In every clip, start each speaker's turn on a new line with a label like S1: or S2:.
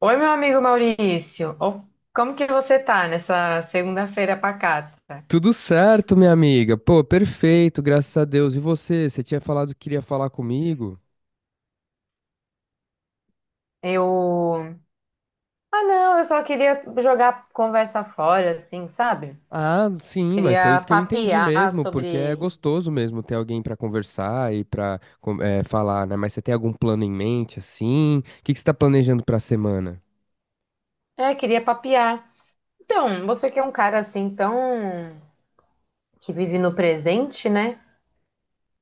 S1: Oi, meu amigo Maurício. Ô, como que você tá nessa segunda-feira pacata?
S2: Tudo certo, minha amiga. Pô, perfeito, graças a Deus. E você? Você tinha falado que queria falar comigo?
S1: Eu. Ah, não, eu só queria jogar conversa fora, assim, sabe?
S2: Ah, sim, mas foi
S1: Queria
S2: isso que eu entendi
S1: papear
S2: mesmo, porque é
S1: sobre.
S2: gostoso mesmo ter alguém pra conversar e pra falar, né? Mas você tem algum plano em mente, assim? O que que você tá planejando pra semana?
S1: É, queria papear. Então, você que é um cara assim tão. Que vive no presente, né?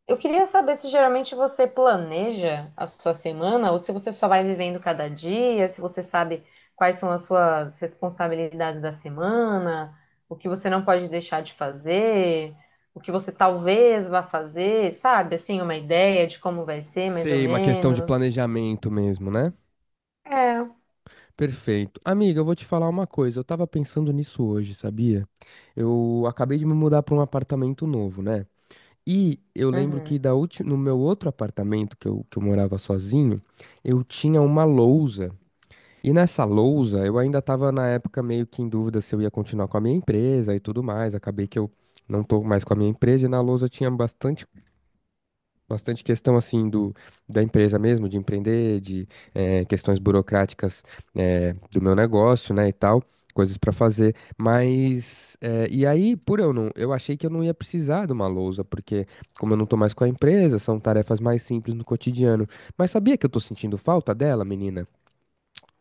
S1: Eu queria saber se geralmente você planeja a sua semana ou se você só vai vivendo cada dia, se você sabe quais são as suas responsabilidades da semana, o que você não pode deixar de fazer, o que você talvez vá fazer, sabe? Assim, uma ideia de como vai ser, mais ou
S2: Sei, uma questão de
S1: menos.
S2: planejamento mesmo, né?
S1: É.
S2: Perfeito. Amiga, eu vou te falar uma coisa. Eu tava pensando nisso hoje, sabia? Eu acabei de me mudar pra um apartamento novo, né? E eu lembro que
S1: Uhum.
S2: no meu outro apartamento, que eu morava sozinho, eu tinha uma lousa. E nessa lousa, eu ainda estava na época meio que em dúvida se eu ia continuar com a minha empresa e tudo mais. Acabei que eu não tô mais com a minha empresa e na lousa tinha bastante questão assim do da empresa mesmo, de empreender, de questões burocráticas, do meu negócio, né, e tal, coisas para fazer. Mas e aí, por eu não, eu achei que eu não ia precisar de uma lousa, porque como eu não tô mais com a empresa, são tarefas mais simples no cotidiano. Mas sabia que eu tô sentindo falta dela, menina?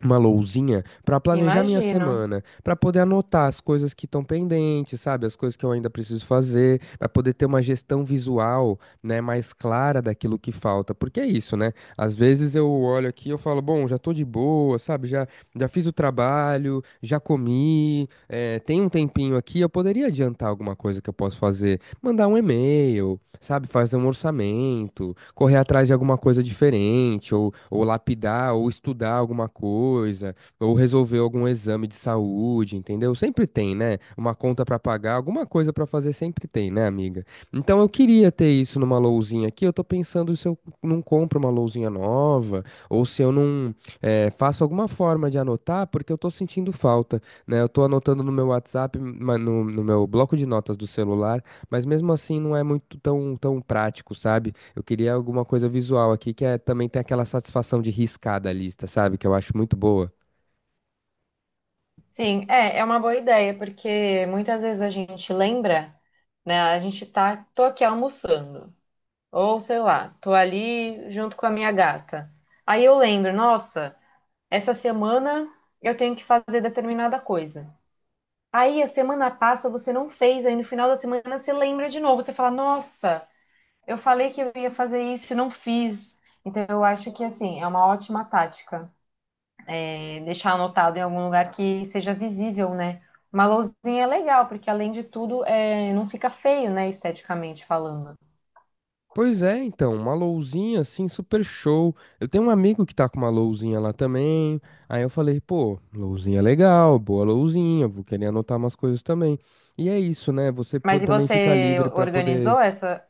S2: Uma lousinha para planejar minha
S1: Imagino.
S2: semana, para poder anotar as coisas que estão pendentes, sabe, as coisas que eu ainda preciso fazer, para poder ter uma gestão visual, né, mais clara daquilo que falta. Porque é isso, né? Às vezes eu olho aqui e eu falo, bom, já tô de boa, sabe? Já fiz o trabalho, já comi, tem um tempinho aqui, eu poderia adiantar alguma coisa que eu posso fazer, mandar um e-mail, sabe, fazer um orçamento, correr atrás de alguma coisa diferente, ou lapidar, ou estudar alguma coisa, ou resolver algum exame de saúde, entendeu? Sempre tem, né? Uma conta pra pagar, alguma coisa pra fazer sempre tem, né, amiga? Então eu queria ter isso numa lousinha aqui. Eu tô pensando se eu não compro uma lousinha nova, ou se eu não faço alguma forma de anotar, porque eu tô sentindo falta, né? Eu tô anotando no meu WhatsApp, no meu bloco de notas do celular. Mas mesmo assim não é muito tão prático, sabe? Eu queria alguma coisa visual aqui que é, também tem aquela satisfação de riscar da lista, sabe? Que eu acho muito boa.
S1: Sim, é, é uma boa ideia, porque muitas vezes a gente lembra, né? A gente tá, tô aqui almoçando. Ou sei lá, tô ali junto com a minha gata. Aí eu lembro, nossa, essa semana eu tenho que fazer determinada coisa. Aí a semana passa, você não fez, aí no final da semana você lembra de novo, você fala, nossa, eu falei que eu ia fazer isso e não fiz. Então eu acho que assim, é uma ótima tática. É deixar anotado em algum lugar que seja visível, né? Uma lousinha é legal, porque além de tudo, é, não fica feio, né, esteticamente falando.
S2: Pois é, então, uma lousinha assim, super show. Eu tenho um amigo que tá com uma lousinha lá também. Aí eu falei, pô, lousinha legal, boa lousinha, vou querer anotar umas coisas também. E é isso, né? Você
S1: Mas e
S2: também fica
S1: você
S2: livre pra poder.
S1: organizou essa,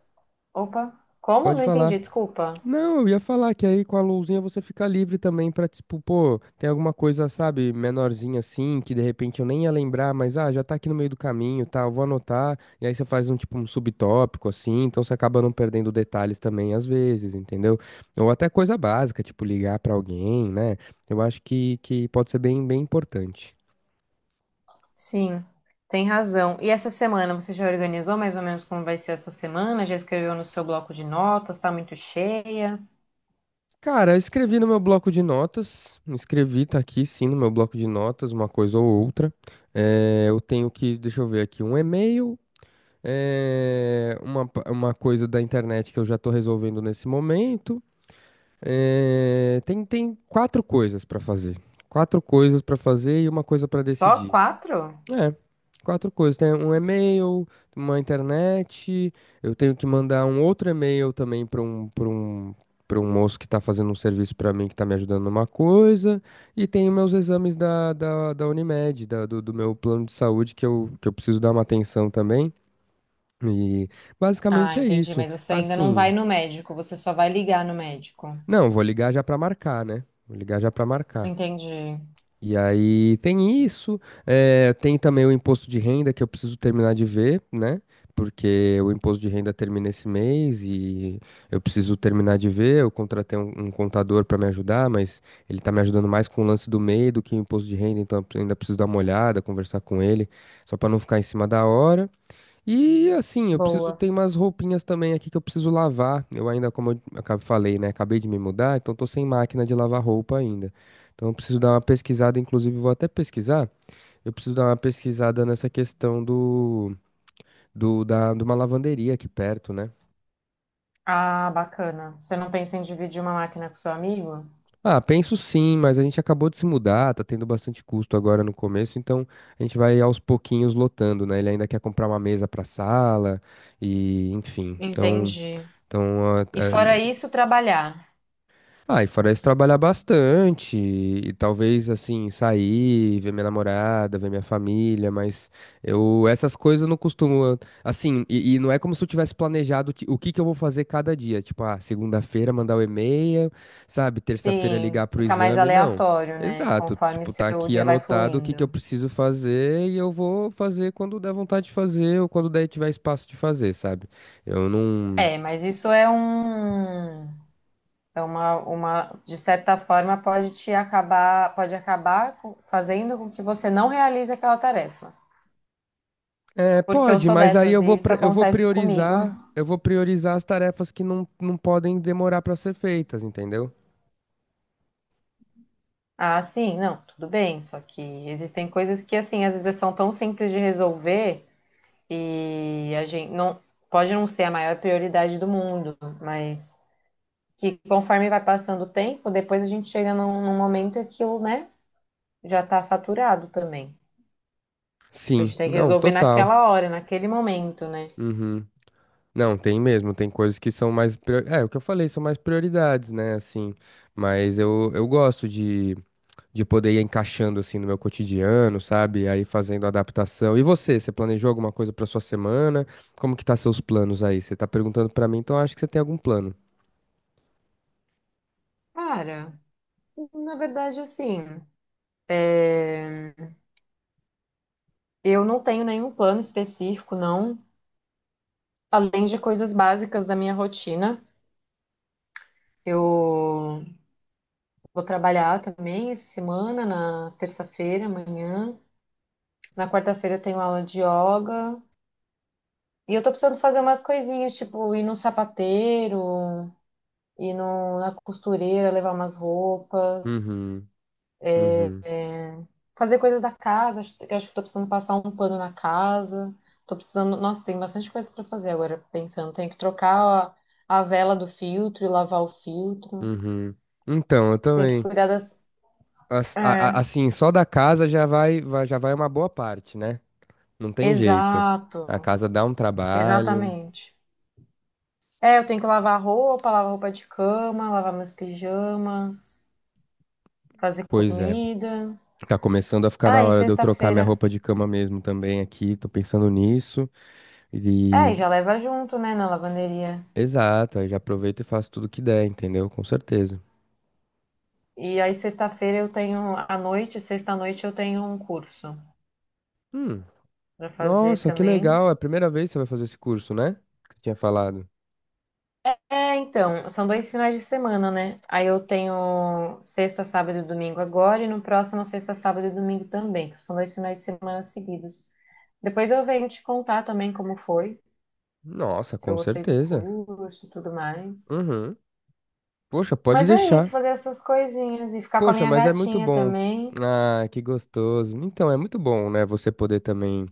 S1: opa, como?
S2: Pode
S1: Não
S2: falar.
S1: entendi, desculpa.
S2: Não, eu ia falar que aí com a luzinha você fica livre também pra, tipo, pô, tem alguma coisa, sabe, menorzinha assim, que de repente eu nem ia lembrar, mas ah, já tá aqui no meio do caminho, tá, eu vou anotar, e aí você faz um tipo um subtópico assim, então você acaba não perdendo detalhes também às vezes, entendeu? Ou até coisa básica, tipo ligar pra alguém, né? Eu acho que pode ser bem importante.
S1: Sim, tem razão. E essa semana você já organizou mais ou menos como vai ser a sua semana? Já escreveu no seu bloco de notas? Tá muito cheia?
S2: Cara, eu escrevi no meu bloco de notas, escrevi, tá aqui sim no meu bloco de notas, uma coisa ou outra. É, eu tenho que, deixa eu ver aqui, um e-mail, é uma, uma coisa da internet que eu já estou resolvendo nesse momento. É, tem quatro coisas para fazer. Quatro coisas para fazer e uma coisa para
S1: Só
S2: decidir.
S1: quatro?
S2: É, quatro coisas. Tem um e-mail, uma internet. Eu tenho que mandar um outro e-mail também para um moço que está fazendo um serviço para mim, que está me ajudando numa coisa. E tem os meus exames da Unimed, do meu plano de saúde, que eu preciso dar uma atenção também. E
S1: Ah,
S2: basicamente é
S1: entendi,
S2: isso.
S1: mas você ainda não vai
S2: Assim,
S1: no médico, você só vai ligar no médico.
S2: não, vou ligar já pra marcar, né? Vou ligar já pra marcar.
S1: Entendi.
S2: E aí tem isso, tem também o imposto de renda que eu preciso terminar de ver, né? Porque o imposto de renda termina esse mês e eu preciso terminar de ver. Eu contratei um contador para me ajudar, mas ele tá me ajudando mais com o lance do MEI do que o imposto de renda, então eu ainda preciso dar uma olhada, conversar com ele, só para não ficar em cima da hora. E assim, eu preciso
S1: Boa.
S2: ter umas roupinhas também aqui que eu preciso lavar. Eu ainda, como eu falei, né? Acabei de me mudar, então tô sem máquina de lavar roupa ainda. Então eu preciso dar uma pesquisada, inclusive vou até pesquisar. Eu preciso dar uma pesquisada nessa questão de uma lavanderia aqui perto, né?
S1: Ah, bacana. Você não pensa em dividir uma máquina com seu amigo?
S2: Ah, penso sim, mas a gente acabou de se mudar, tá tendo bastante custo agora no começo, então a gente vai aos pouquinhos lotando, né? Ele ainda quer comprar uma mesa pra sala e, enfim. Então,
S1: Entendi.
S2: então,
S1: E fora isso, trabalhar.
S2: ah, e fora isso, trabalhar bastante, e talvez, assim, sair, ver minha namorada, ver minha família, mas eu, essas coisas eu não costumo, assim, e não é como se eu tivesse planejado o que que eu vou fazer cada dia, tipo, ah, segunda-feira mandar o e-mail, sabe, terça-feira
S1: Sim,
S2: ligar pro
S1: fica mais
S2: exame, não,
S1: aleatório, né?
S2: exato,
S1: Conforme o
S2: tipo, tá
S1: seu
S2: aqui
S1: dia vai
S2: anotado o que que eu
S1: fluindo.
S2: preciso fazer e eu vou fazer quando der vontade de fazer ou quando der tiver espaço de fazer, sabe, eu não...
S1: É, mas isso é um, é uma, de certa forma, pode te acabar, pode acabar com- fazendo com que você não realize aquela tarefa.
S2: É,
S1: Porque eu
S2: pode,
S1: sou
S2: mas aí
S1: dessas
S2: eu
S1: e
S2: vou,
S1: isso acontece comigo.
S2: eu vou priorizar as tarefas que não podem demorar para ser feitas, entendeu?
S1: Ah, sim, não, tudo bem. Só que existem coisas que, assim, às vezes são tão simples de resolver e a gente não pode não ser a maior prioridade do mundo, mas que conforme vai passando o tempo, depois a gente chega num momento que aquilo, né, já tá saturado também. A
S2: Sim,
S1: gente tem que
S2: não,
S1: resolver
S2: total.
S1: naquela hora, naquele momento, né?
S2: Uhum. Não, tem mesmo, tem coisas que são mais, é, o que eu falei, são mais prioridades, né, assim, mas eu gosto de poder ir encaixando, assim, no meu cotidiano, sabe, aí fazendo adaptação. E você, você planejou alguma coisa para sua semana? Como que tá seus planos aí? Você tá perguntando para mim, então eu acho que você tem algum plano.
S1: Cara, na verdade, assim, é, eu não tenho nenhum plano específico, não. Além de coisas básicas da minha rotina. Eu vou trabalhar também essa semana, na terça-feira, amanhã. Na quarta-feira eu tenho aula de yoga. E eu tô precisando fazer umas coisinhas, tipo, ir no sapateiro, ir no, na costureira, levar umas roupas.
S2: Uhum, uhum.
S1: Fazer coisas da casa, acho eu acho que tô precisando passar um pano na casa. Tô precisando. Nossa, tem bastante coisa para fazer agora, pensando. Tenho que trocar a vela do filtro e lavar o filtro.
S2: Uhum. Então, eu
S1: Tem que
S2: também.
S1: cuidar das. É,
S2: Assim, só da casa já vai, já vai uma boa parte, né? Não tem jeito. A
S1: exato,
S2: casa dá um trabalho.
S1: exatamente. É, eu tenho que lavar roupa de cama, lavar meus pijamas, fazer
S2: Pois é.
S1: comida.
S2: Tá começando a ficar na
S1: Aí,
S2: hora de eu trocar minha
S1: sexta-feira.
S2: roupa de cama mesmo também aqui. Tô pensando nisso.
S1: É,
S2: E
S1: e já leva junto, né, na lavanderia.
S2: exato, aí já aproveito e faço tudo que der, entendeu? Com certeza.
S1: E aí, sexta-feira eu tenho. À noite, sexta-noite eu tenho um curso.
S2: Hum.
S1: Pra fazer
S2: Nossa, que
S1: também.
S2: legal. É a primeira vez que você vai fazer esse curso, né? Que você tinha falado.
S1: É, então, são dois finais de semana, né? Aí eu tenho sexta, sábado e domingo agora, e no próximo sexta, sábado e domingo também. Então, são dois finais de semana seguidos. Depois eu venho te contar também como foi,
S2: Nossa,
S1: se eu
S2: com
S1: gostei do
S2: certeza.
S1: curso e tudo mais.
S2: Uhum. Poxa, pode
S1: Mas é isso,
S2: deixar.
S1: fazer essas coisinhas e ficar com a
S2: Poxa,
S1: minha
S2: mas é muito
S1: gatinha
S2: bom.
S1: também.
S2: Ah, que gostoso. Então, é muito bom, né? Você poder também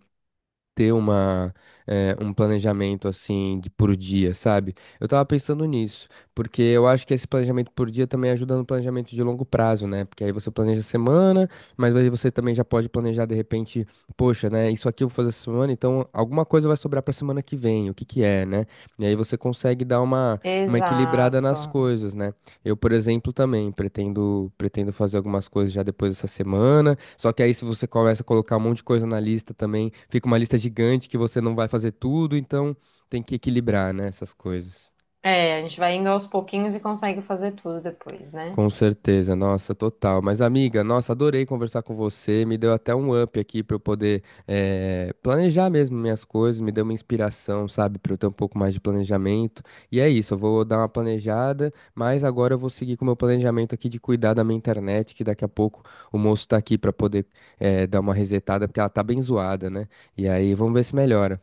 S2: ter uma, um planejamento assim de por dia, sabe? Eu tava pensando nisso, porque eu acho que esse planejamento por dia também ajuda no planejamento de longo prazo, né? Porque aí você planeja a semana, mas aí você também já pode planejar de repente, poxa, né? Isso aqui eu vou fazer essa semana, então alguma coisa vai sobrar pra semana que vem, o que que é, né? E aí você consegue dar uma equilibrada
S1: Exato.
S2: nas coisas, né? Eu, por exemplo, também pretendo fazer algumas coisas já depois dessa semana. Só que aí, se você começa a colocar um monte de coisa na lista também, fica uma lista gigante que você não vai fazer tudo, então tem que equilibrar, né, essas coisas.
S1: É, a gente vai indo aos pouquinhos e consegue fazer tudo depois, né?
S2: Com certeza, nossa, total. Mas, amiga, nossa, adorei conversar com você. Me deu até um up aqui para eu poder planejar mesmo minhas coisas. Me deu uma inspiração, sabe, para eu ter um pouco mais de planejamento. E é isso, eu vou dar uma planejada, mas agora eu vou seguir com o meu planejamento aqui de cuidar da minha internet, que daqui a pouco o moço tá aqui para poder dar uma resetada, porque ela tá bem zoada, né? E aí, vamos ver se melhora.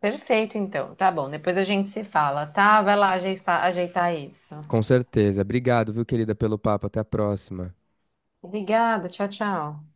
S1: Perfeito, então. Tá bom. Depois a gente se fala, tá? Vai lá ajeitar, ajeitar isso.
S2: Com certeza. Obrigado, viu, querida, pelo papo. Até a próxima.
S1: Obrigada, tchau, tchau.